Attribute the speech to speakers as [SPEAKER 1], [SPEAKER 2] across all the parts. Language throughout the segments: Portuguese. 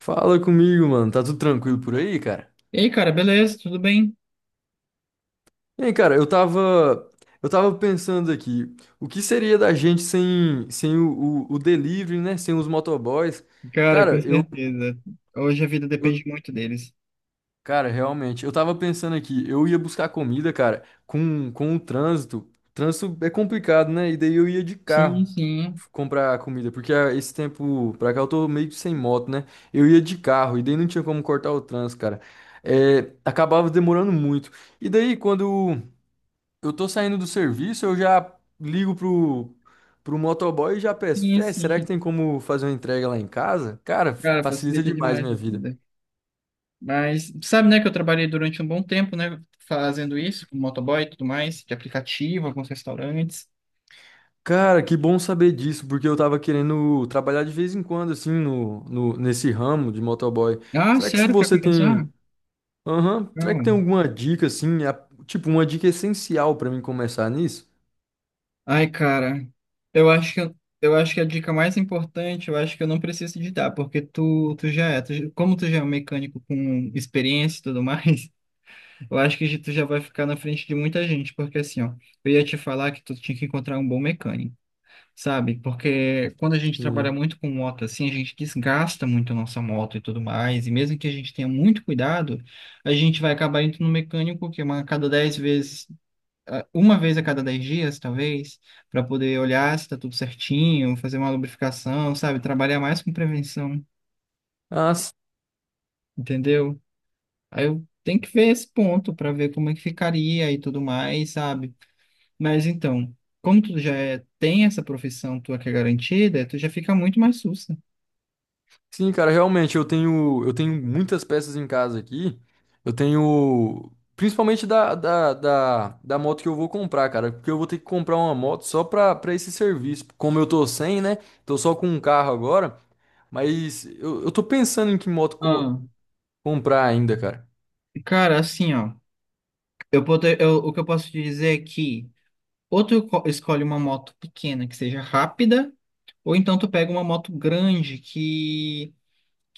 [SPEAKER 1] Fala comigo, mano. Tá tudo tranquilo por aí, cara?
[SPEAKER 2] E aí, cara, beleza? Tudo bem?
[SPEAKER 1] Ei, cara, eu tava pensando aqui, o que seria da gente sem o delivery, né? Sem os motoboys?
[SPEAKER 2] Cara, com
[SPEAKER 1] Cara,
[SPEAKER 2] certeza. Hoje a vida depende
[SPEAKER 1] eu,
[SPEAKER 2] muito deles.
[SPEAKER 1] Cara, realmente, eu tava pensando aqui, eu ia buscar comida, cara, com o trânsito. Trânsito é complicado, né? E daí eu ia de
[SPEAKER 2] Sim,
[SPEAKER 1] carro
[SPEAKER 2] sim.
[SPEAKER 1] comprar comida, porque esse tempo pra cá eu tô meio que sem moto, né? Eu ia de carro, e daí não tinha como cortar o trânsito, cara. É, acabava demorando muito. E daí, quando eu tô saindo do serviço, eu já ligo pro motoboy e já peço:
[SPEAKER 2] Sim,
[SPEAKER 1] será que
[SPEAKER 2] sim.
[SPEAKER 1] tem como fazer uma entrega lá em casa? Cara,
[SPEAKER 2] Cara,
[SPEAKER 1] facilita
[SPEAKER 2] facilita
[SPEAKER 1] demais
[SPEAKER 2] demais
[SPEAKER 1] minha
[SPEAKER 2] a
[SPEAKER 1] vida.
[SPEAKER 2] vida. Mas sabe, né, que eu trabalhei durante um bom tempo, né, fazendo isso, com motoboy e tudo mais, de aplicativo, alguns restaurantes.
[SPEAKER 1] Cara, que bom saber disso, porque eu tava querendo trabalhar de vez em quando, assim, no, no, nesse ramo de motoboy.
[SPEAKER 2] Ah,
[SPEAKER 1] Será que se
[SPEAKER 2] sério? Quer
[SPEAKER 1] você
[SPEAKER 2] começar?
[SPEAKER 1] tem. Aham, será que tem
[SPEAKER 2] Não.
[SPEAKER 1] alguma dica, assim, tipo, uma dica essencial pra mim começar nisso?
[SPEAKER 2] Ai, cara, eu acho que eu, eu acho que a dica mais importante, eu acho que eu não preciso te dar, porque tu já é, tu, já- como tu já é um mecânico com experiência e tudo mais, eu acho que tu já vai ficar na frente de muita gente, porque assim, ó, eu ia te falar que tu tinha que encontrar um bom mecânico, sabe? Porque quando a gente trabalha
[SPEAKER 1] Sim.
[SPEAKER 2] muito com moto, assim, a gente desgasta muito a nossa moto e tudo mais, e mesmo que a gente tenha muito cuidado, a gente vai acabar indo no mecânico que é uma a cada 10 vezes, ah, uma vez a cada 10 dias, talvez, para poder olhar se tá tudo certinho, fazer uma lubrificação, sabe? Trabalhar mais com prevenção,
[SPEAKER 1] Ah,
[SPEAKER 2] entendeu? Aí eu tenho que ver esse ponto para ver como é que ficaria e tudo mais, sabe? Mas então, como tu já é- tem essa profissão tua que é garantida, tu já fica muito mais sussa.
[SPEAKER 1] sim, cara, realmente eu tenho muitas peças em casa aqui. Eu tenho principalmente da moto que eu vou comprar, cara, porque eu vou ter que comprar uma moto só pra esse serviço. Como eu tô sem, né? Tô só com um carro agora, mas eu tô pensando em que moto
[SPEAKER 2] Ah,
[SPEAKER 1] comprar ainda, cara.
[SPEAKER 2] cara, assim, ó, eu, poder, eu- o que eu posso te dizer é que ou tu co- escolhe uma moto pequena que seja rápida, ou então tu pega uma moto grande que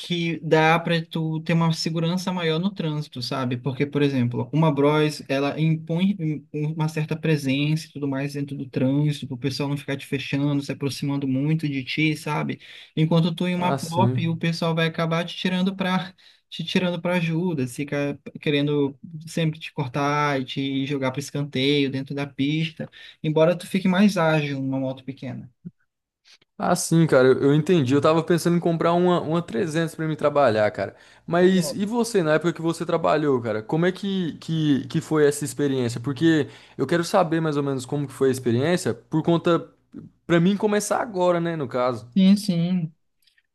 [SPEAKER 2] que dá para tu ter uma segurança maior no trânsito, sabe? Porque, por exemplo, uma Bros, ela impõe um- um, uma certa presença e tudo mais dentro do trânsito, para o pessoal não ficar te fechando, se aproximando muito de ti, sabe? Enquanto tu em uma
[SPEAKER 1] Ah,
[SPEAKER 2] pop, o
[SPEAKER 1] sim.
[SPEAKER 2] pessoal vai acabar te tirando para ajuda, fica querendo sempre te cortar e te jogar para escanteio dentro da pista, embora tu fique mais ágil numa moto pequena.
[SPEAKER 1] Ah, sim, cara, eu entendi. Eu tava pensando em comprar uma 300 pra mim trabalhar, cara. Mas e você, na época que você trabalhou, cara? Como é que, que foi essa experiência? Porque eu quero saber mais ou menos como que foi a experiência, por conta, pra mim começar agora, né, no caso.
[SPEAKER 2] Sim, sim.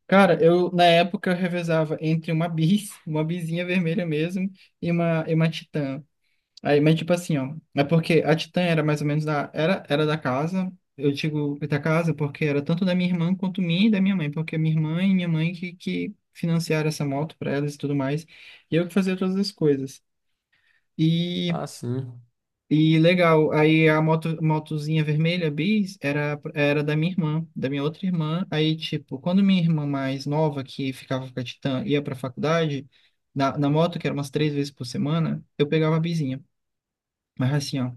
[SPEAKER 2] cara, eu na época eu revezava entre uma bis, uma bisinha vermelha mesmo, e uma titã. Aí, mas tipo assim, ó, é porque a titã era mais ou menos da, era, era da casa, eu digo da casa porque era tanto da minha irmã quanto minha e da minha mãe, porque minha irmã e minha mãe que financiaram essa moto pra elas e tudo mais, e eu que fazia todas as coisas. E
[SPEAKER 1] Ah, sim.
[SPEAKER 2] e legal, aí a moto, motozinha vermelha, bis, era, era da minha irmã, da minha outra irmã. Aí, tipo, quando minha irmã mais nova, que ficava com a Titã, ia pra faculdade, na moto, que era umas 3 vezes por semana, eu pegava a bisinha. Mas assim, ó,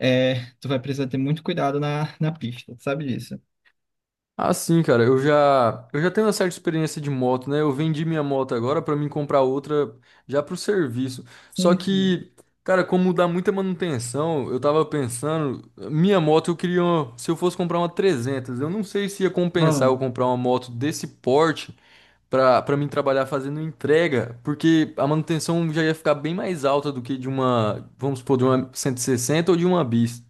[SPEAKER 2] é, tu vai precisar ter muito cuidado na pista, sabe disso?
[SPEAKER 1] Ah, sim, cara, eu já tenho uma certa experiência de moto, né? Eu vendi minha moto agora pra mim comprar outra já pro serviço. Só
[SPEAKER 2] Sim, sim.
[SPEAKER 1] que, cara, como dá muita manutenção, eu tava pensando, minha moto eu queria, se eu fosse comprar uma 300, eu não sei se ia compensar eu
[SPEAKER 2] Não,
[SPEAKER 1] comprar uma moto desse porte pra mim trabalhar fazendo entrega, porque a manutenção já ia ficar bem mais alta do que de uma, vamos supor, de uma 160 ou de uma bis.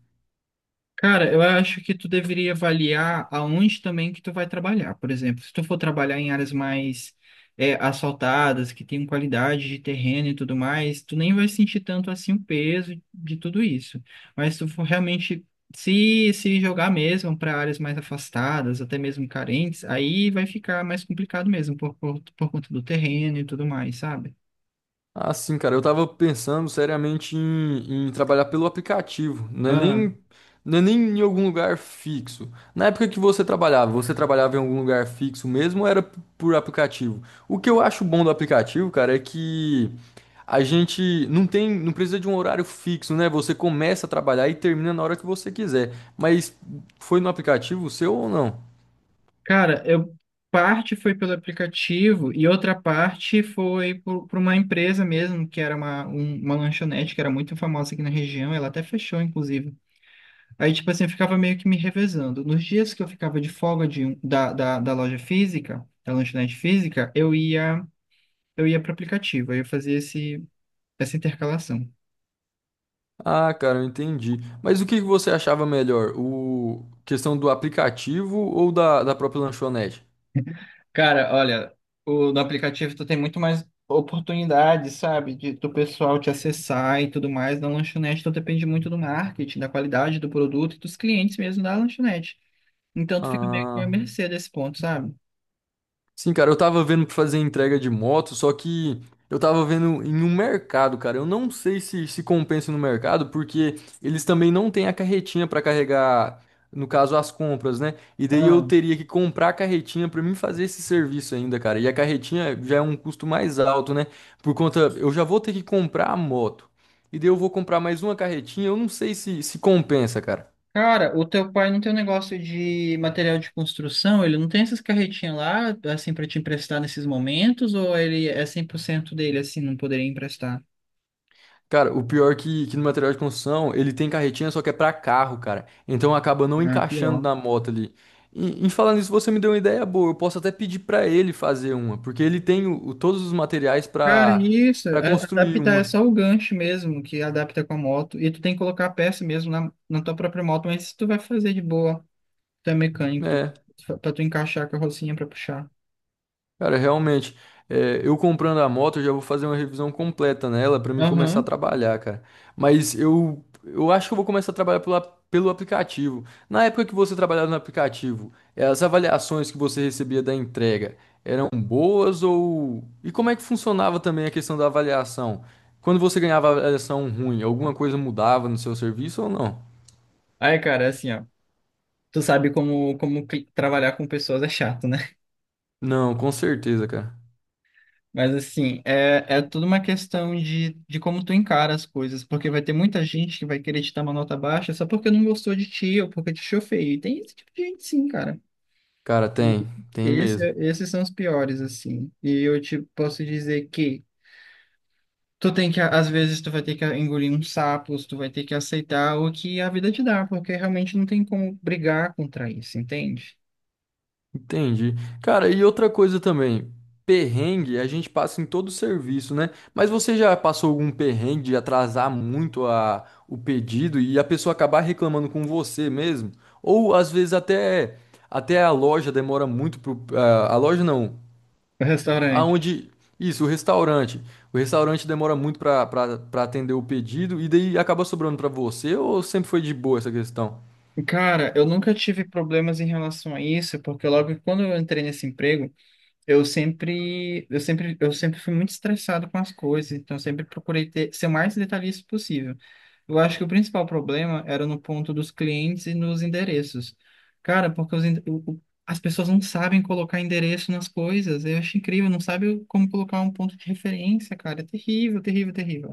[SPEAKER 2] cara, eu acho que tu deveria avaliar aonde também que tu vai trabalhar. Por exemplo, se tu for trabalhar em áreas mais é, asfaltadas, que tem qualidade de terreno e tudo mais, tu nem vai sentir tanto assim o peso de tudo isso. Mas se tu for realmente se jogar mesmo para áreas mais afastadas, até mesmo carentes, aí vai ficar mais complicado mesmo por conta do terreno e tudo mais, sabe?
[SPEAKER 1] Ah, sim, cara, eu tava pensando seriamente em trabalhar pelo aplicativo, não é nem em algum lugar fixo. Na época que você trabalhava em algum lugar fixo mesmo ou era por aplicativo? O que eu acho bom do aplicativo, cara, é que a gente não precisa de um horário fixo, né? Você começa a trabalhar e termina na hora que você quiser. Mas foi no aplicativo seu ou não?
[SPEAKER 2] Cara, eu parte foi pelo aplicativo e outra parte foi por uma empresa mesmo, que era uma, um- uma lanchonete que era muito famosa aqui na região, ela até fechou, inclusive. Aí, tipo assim, eu ficava meio que me revezando. Nos dias que eu ficava de folga de, um- da, da loja física, da lanchonete física, eu ia para o aplicativo, aí eu fazia esse, essa intercalação.
[SPEAKER 1] Ah, cara, eu entendi. Mas o que que você achava melhor? O questão do aplicativo ou da própria lanchonete?
[SPEAKER 2] Cara, olha, o, no aplicativo tu tem muito mais oportunidades, sabe? De, do pessoal te acessar e tudo mais. Na lanchonete tu depende muito do marketing, da qualidade do produto e dos clientes mesmo da lanchonete. Então tu fica meio que à
[SPEAKER 1] Ah.
[SPEAKER 2] mercê desse ponto, sabe?
[SPEAKER 1] Sim, cara, eu tava vendo pra fazer entrega de moto, só que eu tava vendo em um mercado, cara. Eu não sei se compensa no mercado, porque eles também não têm a carretinha pra carregar, no caso, as compras, né? E daí eu
[SPEAKER 2] Então,
[SPEAKER 1] teria que comprar a carretinha pra mim fazer esse serviço ainda, cara. E a carretinha já é um custo mais alto, né? Por conta, eu já vou ter que comprar a moto. E daí eu vou comprar mais uma carretinha, eu não sei se compensa, cara.
[SPEAKER 2] cara, o teu pai não tem um negócio de material de construção? Ele não tem essas carretinhas lá, assim, pra te emprestar nesses momentos? Ou ele é 100% dele, assim, não poderia emprestar?
[SPEAKER 1] Cara, o pior que, no material de construção, ele tem carretinha, só que é pra carro, cara. Então acaba não
[SPEAKER 2] Ah,
[SPEAKER 1] encaixando
[SPEAKER 2] pior.
[SPEAKER 1] na moto ali. E falando isso, você me deu uma ideia boa. Eu posso até pedir pra ele fazer uma, porque ele tem todos os materiais
[SPEAKER 2] Cara,
[SPEAKER 1] pra
[SPEAKER 2] isso,
[SPEAKER 1] para
[SPEAKER 2] é-
[SPEAKER 1] construir
[SPEAKER 2] adaptar é
[SPEAKER 1] uma.
[SPEAKER 2] só o gancho mesmo que adapta com a moto. E tu tem que colocar a peça mesmo na, na tua própria moto, mas se tu vai fazer de boa, tu é mecânico, tu,
[SPEAKER 1] É.
[SPEAKER 2] pra tu encaixar a carrocinha pra puxar.
[SPEAKER 1] Cara, realmente, eu comprando a moto, eu já vou fazer uma revisão completa nela pra mim começar a
[SPEAKER 2] Aham.
[SPEAKER 1] trabalhar, cara. Mas eu acho que eu vou começar a trabalhar pelo aplicativo. Na época que você trabalhava no aplicativo, as avaliações que você recebia da entrega eram boas ou? E como é que funcionava também a questão da avaliação? Quando você ganhava avaliação ruim, alguma coisa mudava no seu serviço ou não?
[SPEAKER 2] Aí, cara, é assim, ó. Tu sabe como, como cli- trabalhar com pessoas é chato, né?
[SPEAKER 1] Não, com certeza, cara.
[SPEAKER 2] Mas assim, é, é tudo uma questão de como tu encara as coisas, porque vai ter muita gente que vai querer te dar uma nota baixa só porque não gostou de ti ou porque te achou feio. E tem esse tipo de gente sim, cara.
[SPEAKER 1] Cara,
[SPEAKER 2] E
[SPEAKER 1] tem, tem
[SPEAKER 2] esse,
[SPEAKER 1] mesmo.
[SPEAKER 2] esses são os piores, assim. E eu te posso dizer que tu tem que, às vezes, tu vai ter que engolir uns sapos, tu vai ter que aceitar o que a vida te dá, porque realmente não tem como brigar contra isso, entende?
[SPEAKER 1] Entendi. Cara, e outra coisa também, perrengue a gente passa em todo o serviço, né? Mas você já passou algum perrengue de atrasar muito o pedido e a pessoa acabar reclamando com você mesmo? Ou às vezes até, a loja demora muito pro, a loja não,
[SPEAKER 2] O restaurante.
[SPEAKER 1] aonde, isso, o restaurante. O restaurante demora muito para atender o pedido e daí acaba sobrando para você ou sempre foi de boa essa questão?
[SPEAKER 2] Cara, eu nunca tive problemas em relação a isso, porque logo quando eu entrei nesse emprego, Eu sempre fui muito estressado com as coisas, então eu sempre procurei ter, ser o mais detalhista possível. Eu acho que o principal problema era no ponto dos clientes e nos endereços. Cara, porque os, ende- o- as pessoas não sabem colocar endereço nas coisas. Eu acho incrível, não sabe o- como colocar um ponto de referência, cara. É terrível, terrível, terrível.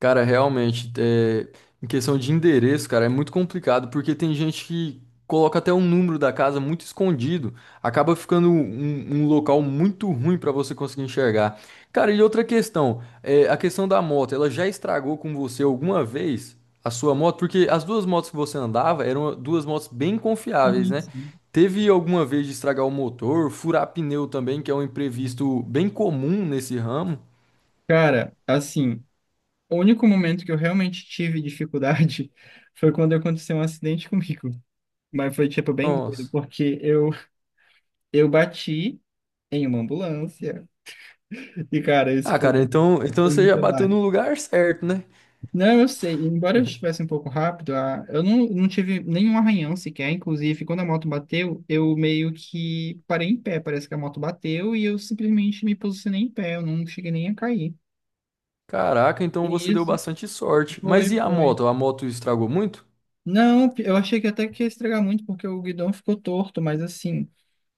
[SPEAKER 1] Cara, realmente, em questão de endereço, cara, é muito complicado, porque tem gente que coloca até o número da casa muito escondido, acaba ficando um local muito ruim pra você conseguir enxergar. Cara, e outra questão, a questão da moto, ela já estragou com você alguma vez a sua moto? Porque as duas motos que você andava eram duas motos bem confiáveis, né?
[SPEAKER 2] Isso.
[SPEAKER 1] Teve alguma vez de estragar o motor, furar pneu também, que é um imprevisto bem comum nesse ramo?
[SPEAKER 2] Cara, assim, o único momento que eu realmente tive dificuldade foi quando aconteceu um acidente comigo. Mas foi, tipo, bem doido,
[SPEAKER 1] Nossa.
[SPEAKER 2] porque eu bati em uma ambulância. E, cara, isso
[SPEAKER 1] Ah,
[SPEAKER 2] foi,
[SPEAKER 1] cara, então,
[SPEAKER 2] foi
[SPEAKER 1] você
[SPEAKER 2] muito
[SPEAKER 1] já bateu
[SPEAKER 2] trabalho.
[SPEAKER 1] no lugar certo, né?
[SPEAKER 2] Não, eu sei. Embora eu estivesse um pouco rápido, a- eu não, não tive nenhum arranhão sequer. Inclusive, quando a moto bateu, eu meio que parei em pé. Parece que a moto bateu e eu simplesmente me posicionei em pé. Eu não cheguei nem a cair.
[SPEAKER 1] Caraca, então você
[SPEAKER 2] E
[SPEAKER 1] deu
[SPEAKER 2] isso
[SPEAKER 1] bastante sorte. Mas
[SPEAKER 2] foi,
[SPEAKER 1] e a
[SPEAKER 2] foi.
[SPEAKER 1] moto? A moto estragou muito?
[SPEAKER 2] Não, eu achei que até que ia estragar muito porque o guidão ficou torto, mas assim.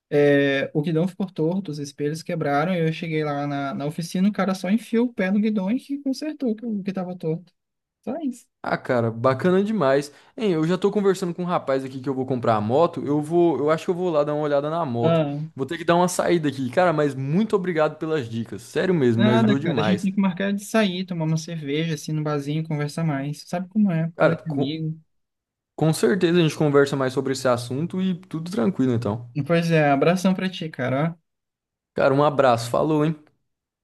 [SPEAKER 2] É, o guidão ficou torto, os espelhos quebraram, e eu cheguei lá na oficina, o cara só enfiou o pé no guidão e que consertou o que estava torto. Só isso.
[SPEAKER 1] Ah, cara, bacana demais. Hein, eu já tô conversando com um rapaz aqui que eu vou comprar a moto. Eu acho que eu vou lá dar uma olhada na moto.
[SPEAKER 2] Ah,
[SPEAKER 1] Vou ter que dar uma saída aqui. Cara, mas muito obrigado pelas dicas. Sério mesmo, me
[SPEAKER 2] nada,
[SPEAKER 1] ajudou
[SPEAKER 2] cara. A gente
[SPEAKER 1] demais.
[SPEAKER 2] tem que marcar de sair, tomar uma cerveja, assim, no barzinho, conversar mais. Sabe como é? Coisa
[SPEAKER 1] Cara,
[SPEAKER 2] de
[SPEAKER 1] com,
[SPEAKER 2] amigo.
[SPEAKER 1] com certeza a gente conversa mais sobre esse assunto e tudo tranquilo, então.
[SPEAKER 2] Pois é, abração pra ti, cara. Ó.
[SPEAKER 1] Cara, um abraço. Falou, hein?